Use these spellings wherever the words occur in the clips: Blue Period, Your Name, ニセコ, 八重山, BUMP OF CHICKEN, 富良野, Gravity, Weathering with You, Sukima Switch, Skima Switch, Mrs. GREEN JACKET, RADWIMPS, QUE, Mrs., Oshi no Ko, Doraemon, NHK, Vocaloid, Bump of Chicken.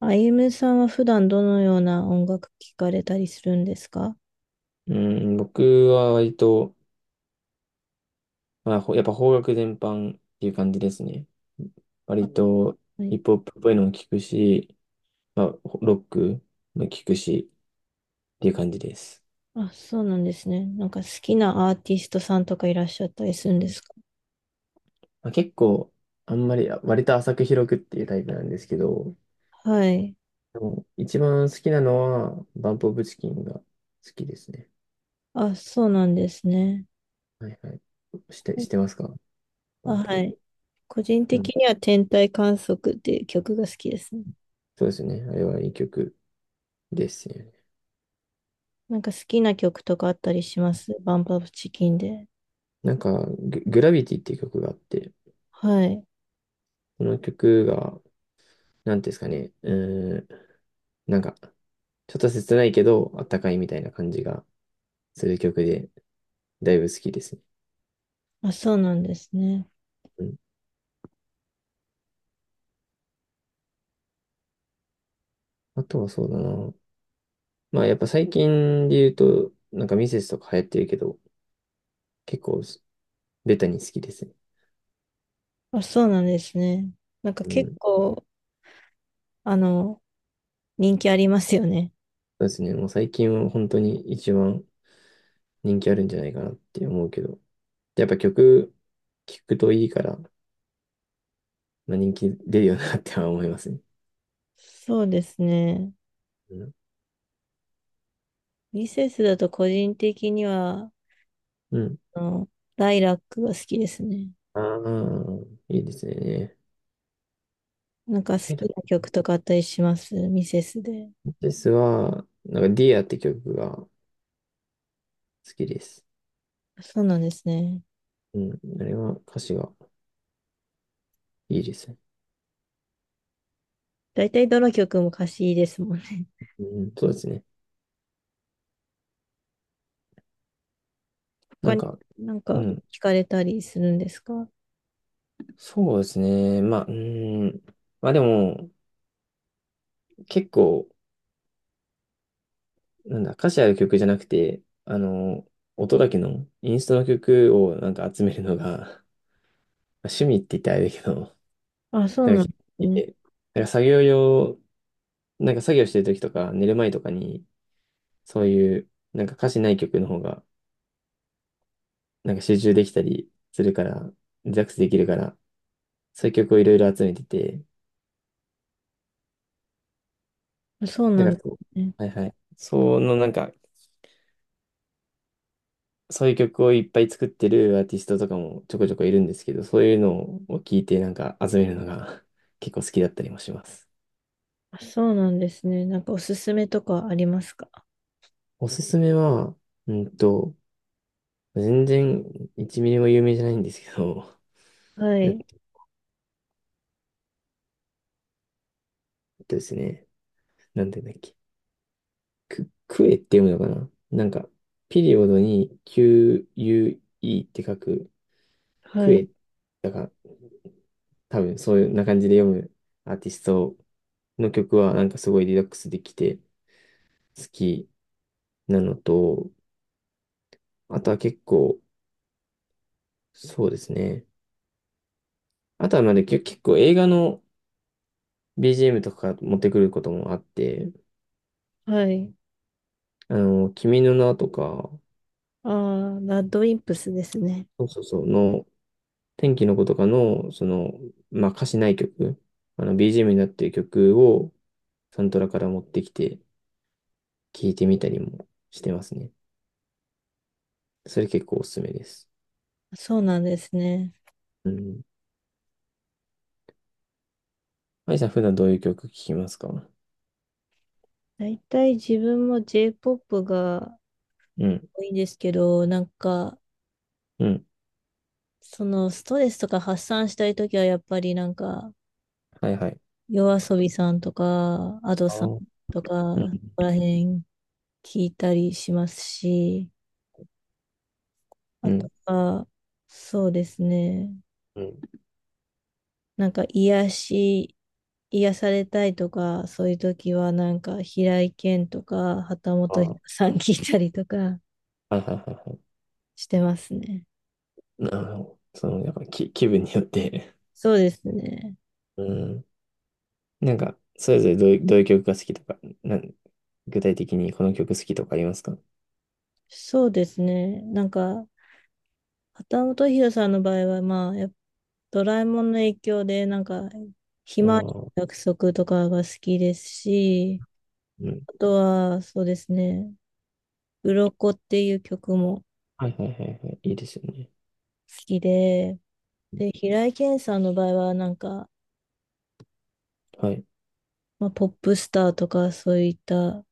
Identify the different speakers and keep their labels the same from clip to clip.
Speaker 1: あゆむさんは普段どのような音楽聴かれたりするんですか？
Speaker 2: うん、僕は割と、まあ、やっぱ邦楽全般っていう感じですね。割と
Speaker 1: は
Speaker 2: ヒ
Speaker 1: い。
Speaker 2: ップホップっぽいのも聞くし、まあ、ロックも聞くしっていう感じです。
Speaker 1: あ、そうなんですね。なんか好きなアーティストさんとかいらっしゃったりするんですか？
Speaker 2: まあ、結構、あんまり、割と浅く広くっていうタイプなんですけど、
Speaker 1: はい。
Speaker 2: でも一番好きなのは、バンプオブチキンが好きですね。
Speaker 1: あ、そうなんですね。
Speaker 2: はいはい。してますか
Speaker 1: あ、
Speaker 2: バン
Speaker 1: は
Speaker 2: プ？
Speaker 1: い。個人
Speaker 2: う
Speaker 1: 的
Speaker 2: ん。
Speaker 1: には天体観測っていう曲が好きですね。
Speaker 2: そうですね。あれはいい曲ですよね。
Speaker 1: なんか好きな曲とかあったりしますバンプアップチキンで。
Speaker 2: なんかグラビティっていう曲があって、
Speaker 1: はい。
Speaker 2: その曲がなんていうんですかね、ーん、なんか、ちょっと切ないけど、あったかいみたいな感じがする曲で、だいぶ好きですね。
Speaker 1: あ、そうなんですね。
Speaker 2: うん。あとはそうだな。まあ、やっぱ最近で言うと、なんかミセスとか流行ってるけど、結構す、ベタに好きですね。
Speaker 1: あ、そうなんですね。なんか
Speaker 2: う
Speaker 1: 結
Speaker 2: ん。そ
Speaker 1: 構、あの、人気ありますよね。
Speaker 2: うですね。もう最近は本当に一番人気あるんじゃないかなって思うけど、やっぱ曲、聴くといいから、まあ、人気出るよなっては思いますね。
Speaker 1: そうですね。
Speaker 2: うん。
Speaker 1: ミセスだと個人的には、
Speaker 2: うん。
Speaker 1: あの、ライラックが好きですね。
Speaker 2: ああ、いいですね。
Speaker 1: なんか好
Speaker 2: はい
Speaker 1: き
Speaker 2: だ
Speaker 1: な曲とかあったりしますミセスで。
Speaker 2: ですは、なんか、ディアって曲が好きです。
Speaker 1: そうなんですね。
Speaker 2: うん、あれは歌詞がいいですね。
Speaker 1: だいたいどの曲も歌詞いいですもんね。
Speaker 2: うん、そうですね。な
Speaker 1: 他
Speaker 2: ん
Speaker 1: に
Speaker 2: か、
Speaker 1: なん
Speaker 2: う
Speaker 1: か
Speaker 2: ん、
Speaker 1: 聞かれたりするんですか？
Speaker 2: そうですね。まあ、うん、まあでも、結構、なんだ、歌詞ある曲じゃなくて、あの、音だけの、インストの曲をなんか集めるのが、まあ趣味って言ったらあれだけど、
Speaker 1: あ、そう
Speaker 2: なん
Speaker 1: な
Speaker 2: か結
Speaker 1: ん
Speaker 2: 構
Speaker 1: です
Speaker 2: 好き
Speaker 1: ね。
Speaker 2: で、なんか作業用、なんか作業してる時とか、寝る前とかに、そういう、なんか歌詞ない曲の方が、なんか集中できたりするから、リラックスできるから、そういう曲をいろいろ集めてて、
Speaker 1: あそう
Speaker 2: だ
Speaker 1: な
Speaker 2: か
Speaker 1: ん
Speaker 2: ら
Speaker 1: で
Speaker 2: こ
Speaker 1: すね。
Speaker 2: う、はいはい。そのなんか、そういう曲をいっぱい作ってるアーティストとかもちょこちょこいるんですけど、そういうのを聞いてなんか集めるのが 結構好きだったりもします。
Speaker 1: あ、そうなんですね。なんかおすすめとかありますか？
Speaker 2: おすすめは、うんと、全然1ミリも有名じゃないんですけど、
Speaker 1: は
Speaker 2: えっ
Speaker 1: い。
Speaker 2: とですね、なんて言うんだっけ、クエって読むのかななんか、ピリオドに QUE って書く、
Speaker 1: は
Speaker 2: クエ
Speaker 1: い。
Speaker 2: っだから、多分そういうな感じで読むアーティストの曲はなんかすごいリラックスできて好きなのと、あとは結構、そうですね。あとはまだ結構映画の BGM とか持ってくることもあって、
Speaker 1: はい。
Speaker 2: あの、君の名とか、
Speaker 1: ああ、ラッドウィンプスですね。
Speaker 2: そうそうそう、の、天気の子とかの、その、まあ歌詞ない曲、あの BGM になっている曲をサントラから持ってきて聴いてみたりもしてますね。それ結構おすすめです。
Speaker 1: そうなんですね。
Speaker 2: うん。はいさん、普段どういう曲聴きますか？う
Speaker 1: 大体自分も J-POP が
Speaker 2: ん、
Speaker 1: 多いんですけど、なんか、
Speaker 2: うん、
Speaker 1: そのストレスとか発散したいときは、やっぱりなんか、
Speaker 2: はいはい。
Speaker 1: 夜遊びさんとか、アドさん
Speaker 2: あ
Speaker 1: とか、
Speaker 2: ー、う
Speaker 1: そ
Speaker 2: ん、
Speaker 1: こら辺聞いたりしますし、あ
Speaker 2: うん、
Speaker 1: とは、そうですね、
Speaker 2: うん、
Speaker 1: なんか癒し、癒されたいとか、そういうときは、なんか、平井堅とか、旗
Speaker 2: あ
Speaker 1: 本
Speaker 2: ー、
Speaker 1: さん聞いたりとか
Speaker 2: はいはいはいは
Speaker 1: してますね。
Speaker 2: い。なるほど。その、やっぱき、気分によって
Speaker 1: そうですね。
Speaker 2: うん。なんか、それぞれどういう曲が好きとか、なん、具体的にこの曲好きとかありますか？あ
Speaker 1: そうですね。なんか、畑本博さんの場合は、まあ、やっぱドラえもんの影響で、なんか、ひ
Speaker 2: あ
Speaker 1: まわり
Speaker 2: ー、
Speaker 1: の約束とかが好きですし、
Speaker 2: うん。
Speaker 1: あとは、そうですね、鱗っていう曲も好
Speaker 2: はいはいはいはい。いいですよね。
Speaker 1: きで、で、平井堅さんの場合は、なんか、
Speaker 2: はい。
Speaker 1: まあ、ポップスターとか、そういった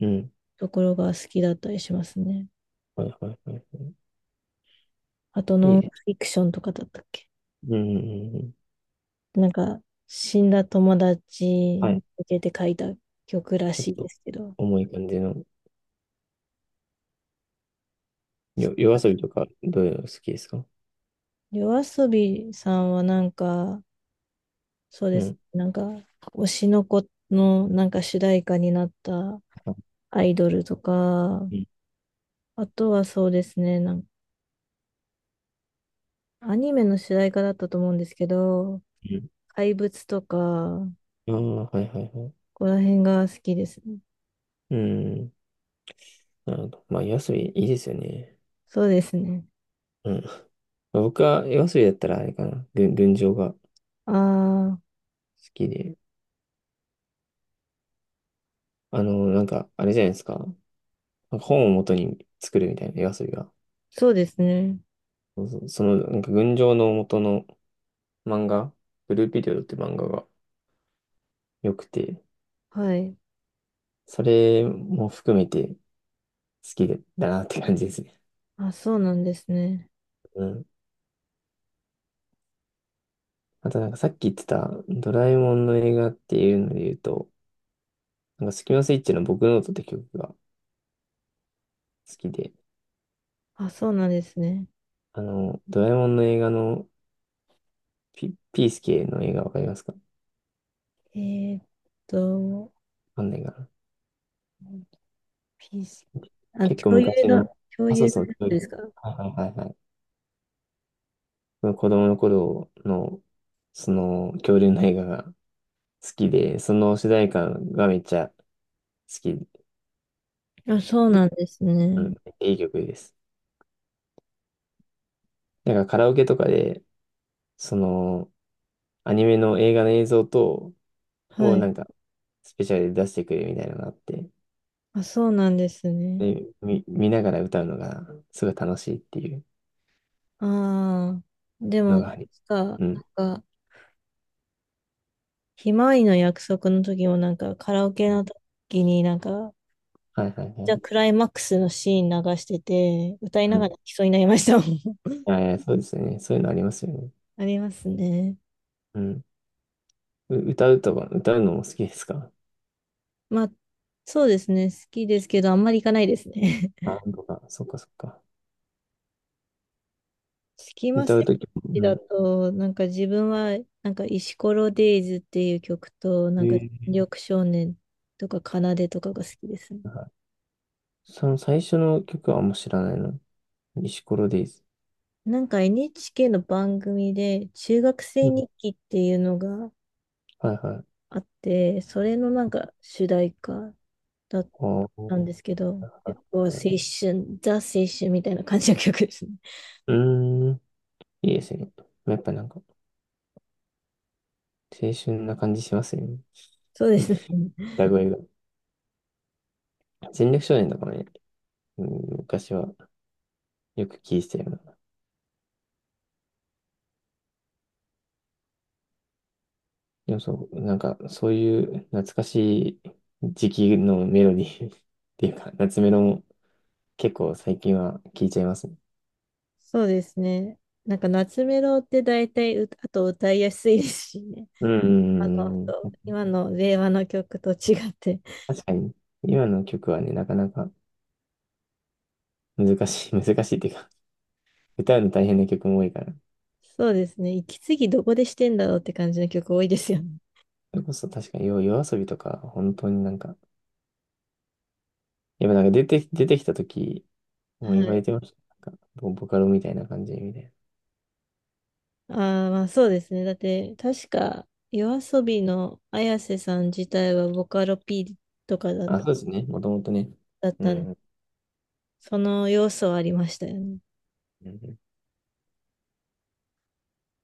Speaker 2: うん。
Speaker 1: ところが好きだったりしますね。
Speaker 2: はいはいはいは
Speaker 1: あと、
Speaker 2: い。い
Speaker 1: ノ
Speaker 2: い
Speaker 1: ンフ
Speaker 2: です。
Speaker 1: ィクションとかだったっけ。
Speaker 2: うん、うんうん。
Speaker 1: なんか、死んだ友達
Speaker 2: は
Speaker 1: に
Speaker 2: い。
Speaker 1: 向けて書いた曲ら
Speaker 2: ちょっ
Speaker 1: しいで
Speaker 2: と、
Speaker 1: すけど、
Speaker 2: 重い感じの、夜遊びとか、どういうの好きですか？
Speaker 1: 夜遊びさんはなんか、そうで
Speaker 2: う
Speaker 1: すね。
Speaker 2: ん。
Speaker 1: なんか、推しの子のなんか主題歌になった
Speaker 2: は
Speaker 1: アイドルとか、
Speaker 2: い。
Speaker 1: あとはそうですね、なんかアニメの主題歌だったと思うんですけど、
Speaker 2: うん。
Speaker 1: 怪物とか、
Speaker 2: ああ、はいはいはい。
Speaker 1: ここら辺が好きですね。
Speaker 2: うん。なるほど。まあ、夜遊びいいですよね。
Speaker 1: そうですね。
Speaker 2: うん。まあ僕は夜遊びだったらあれかな。群青が好
Speaker 1: ああ、
Speaker 2: きで。あの、なんか、あれじゃないですか。なんか本を元に作るみたいな夜遊びが。
Speaker 1: そうですね。
Speaker 2: そうそうその、なんか群青の元の漫画、ブルーピリオドって漫画が良くて、
Speaker 1: はい。
Speaker 2: それも含めて好きだなって感じですね。
Speaker 1: あ、そうなんですね。
Speaker 2: うん。あとなんかさっき言ってたドラえもんの映画っていうので言うと、なんかスキマスイッチの僕ノートって曲が好きで、
Speaker 1: あ、そうなんですね。
Speaker 2: あの、ドラえもんの映画のピースケの映画わかりますか？わ
Speaker 1: えーっと、
Speaker 2: かんないかな。
Speaker 1: ピース。あ、
Speaker 2: 結構
Speaker 1: 共有
Speaker 2: 昔の、
Speaker 1: の、共
Speaker 2: あ、そう
Speaker 1: 有の
Speaker 2: そ
Speaker 1: や
Speaker 2: う、
Speaker 1: つ
Speaker 2: 恐
Speaker 1: です
Speaker 2: 竜。
Speaker 1: か？
Speaker 2: はいはいはいはい。その子供の頃の、その恐竜の映画が好きで、その主題歌がめっちゃ好きで、
Speaker 1: あ、そうなんです
Speaker 2: う
Speaker 1: ね。
Speaker 2: ん、いい曲です。なんかカラオケとかで、そのアニメの映画の映像と、を
Speaker 1: は
Speaker 2: な
Speaker 1: い。
Speaker 2: んかスペシャルで出してくれるみたいなのがあって、
Speaker 1: あ、そうなんですね。
Speaker 2: で、見ながら歌うのがすごい楽しいっていう
Speaker 1: ああ。で
Speaker 2: の
Speaker 1: も、
Speaker 2: があり、
Speaker 1: 確か、
Speaker 2: う
Speaker 1: な
Speaker 2: ん。
Speaker 1: んか、ひまわりの約束の時も、なんか、カラオケの
Speaker 2: は
Speaker 1: 時になんか、
Speaker 2: いはいは
Speaker 1: じゃあ
Speaker 2: い。
Speaker 1: クライマックスのシーン流してて、歌い
Speaker 2: う
Speaker 1: ながら
Speaker 2: ん。
Speaker 1: 泣きそうになりましたもん。
Speaker 2: そうですよね。そういうのありますよね。
Speaker 1: ありますね。
Speaker 2: うん。歌うとか、歌うのも好きですか？
Speaker 1: まあ、そうですね。好きですけど、あんまり行かないですね。
Speaker 2: バンドが。そっかそっか。
Speaker 1: スキマスイ
Speaker 2: 歌う
Speaker 1: ッ
Speaker 2: ときも、
Speaker 1: チ
Speaker 2: う
Speaker 1: だ
Speaker 2: ん。
Speaker 1: と、なんか自分は、なんか石ころデイズっていう曲と、
Speaker 2: え
Speaker 1: なんか
Speaker 2: ー、
Speaker 1: 緑少年とか奏でとかが好きですね。
Speaker 2: はい。その最初の曲はあんま知らないの。石ころデイズ。
Speaker 1: なんか NHK の番組で、中学生
Speaker 2: うん。
Speaker 1: 日記っていうのが
Speaker 2: はいはい。
Speaker 1: あって、それのなんか主題歌だっ
Speaker 2: お
Speaker 1: た
Speaker 2: ー、
Speaker 1: んですけど、結
Speaker 2: は
Speaker 1: 構青
Speaker 2: い、
Speaker 1: 春、ザ青春みたいな感じの曲ですね。
Speaker 2: うーん。いいですね。やっぱなんか、青春な感じしますよね。
Speaker 1: そうですね。
Speaker 2: 歌声が。戦略少年とかもね、うん、昔はよく聴いてたような。でもそう、なんか、そういう懐かしい時期のメロディー っていうか、夏メロも結構最近は聴いちゃいますね。
Speaker 1: そうですね。なんか夏メロって大体うあと歌いやすいですしね。
Speaker 2: うん、
Speaker 1: あの、
Speaker 2: うん
Speaker 1: そ
Speaker 2: う
Speaker 1: う
Speaker 2: ん。
Speaker 1: 今の令和の曲と違って、
Speaker 2: 確かに、今の曲はね、なかなか難しい、難しいっていうか、歌うの大変な曲も多いから。
Speaker 1: そうですね、息継ぎどこでしてんだろうって感じの曲多いですよね。
Speaker 2: それこそ確かに、夜遊びとか、本当になんか、やっぱなんか出てきた時、もう
Speaker 1: は
Speaker 2: 言われ
Speaker 1: い。
Speaker 2: てました。なんか、ボボカロみたいな感じみたいな。
Speaker 1: ああ、まあそうですね。だって、確か、夜遊びの綾瀬さん自体はボカロ P とかだ、
Speaker 2: あ、そうですね、もともとね。
Speaker 1: だっ
Speaker 2: う
Speaker 1: たんで、
Speaker 2: ん、うん
Speaker 1: その要素はありましたよね。
Speaker 2: うん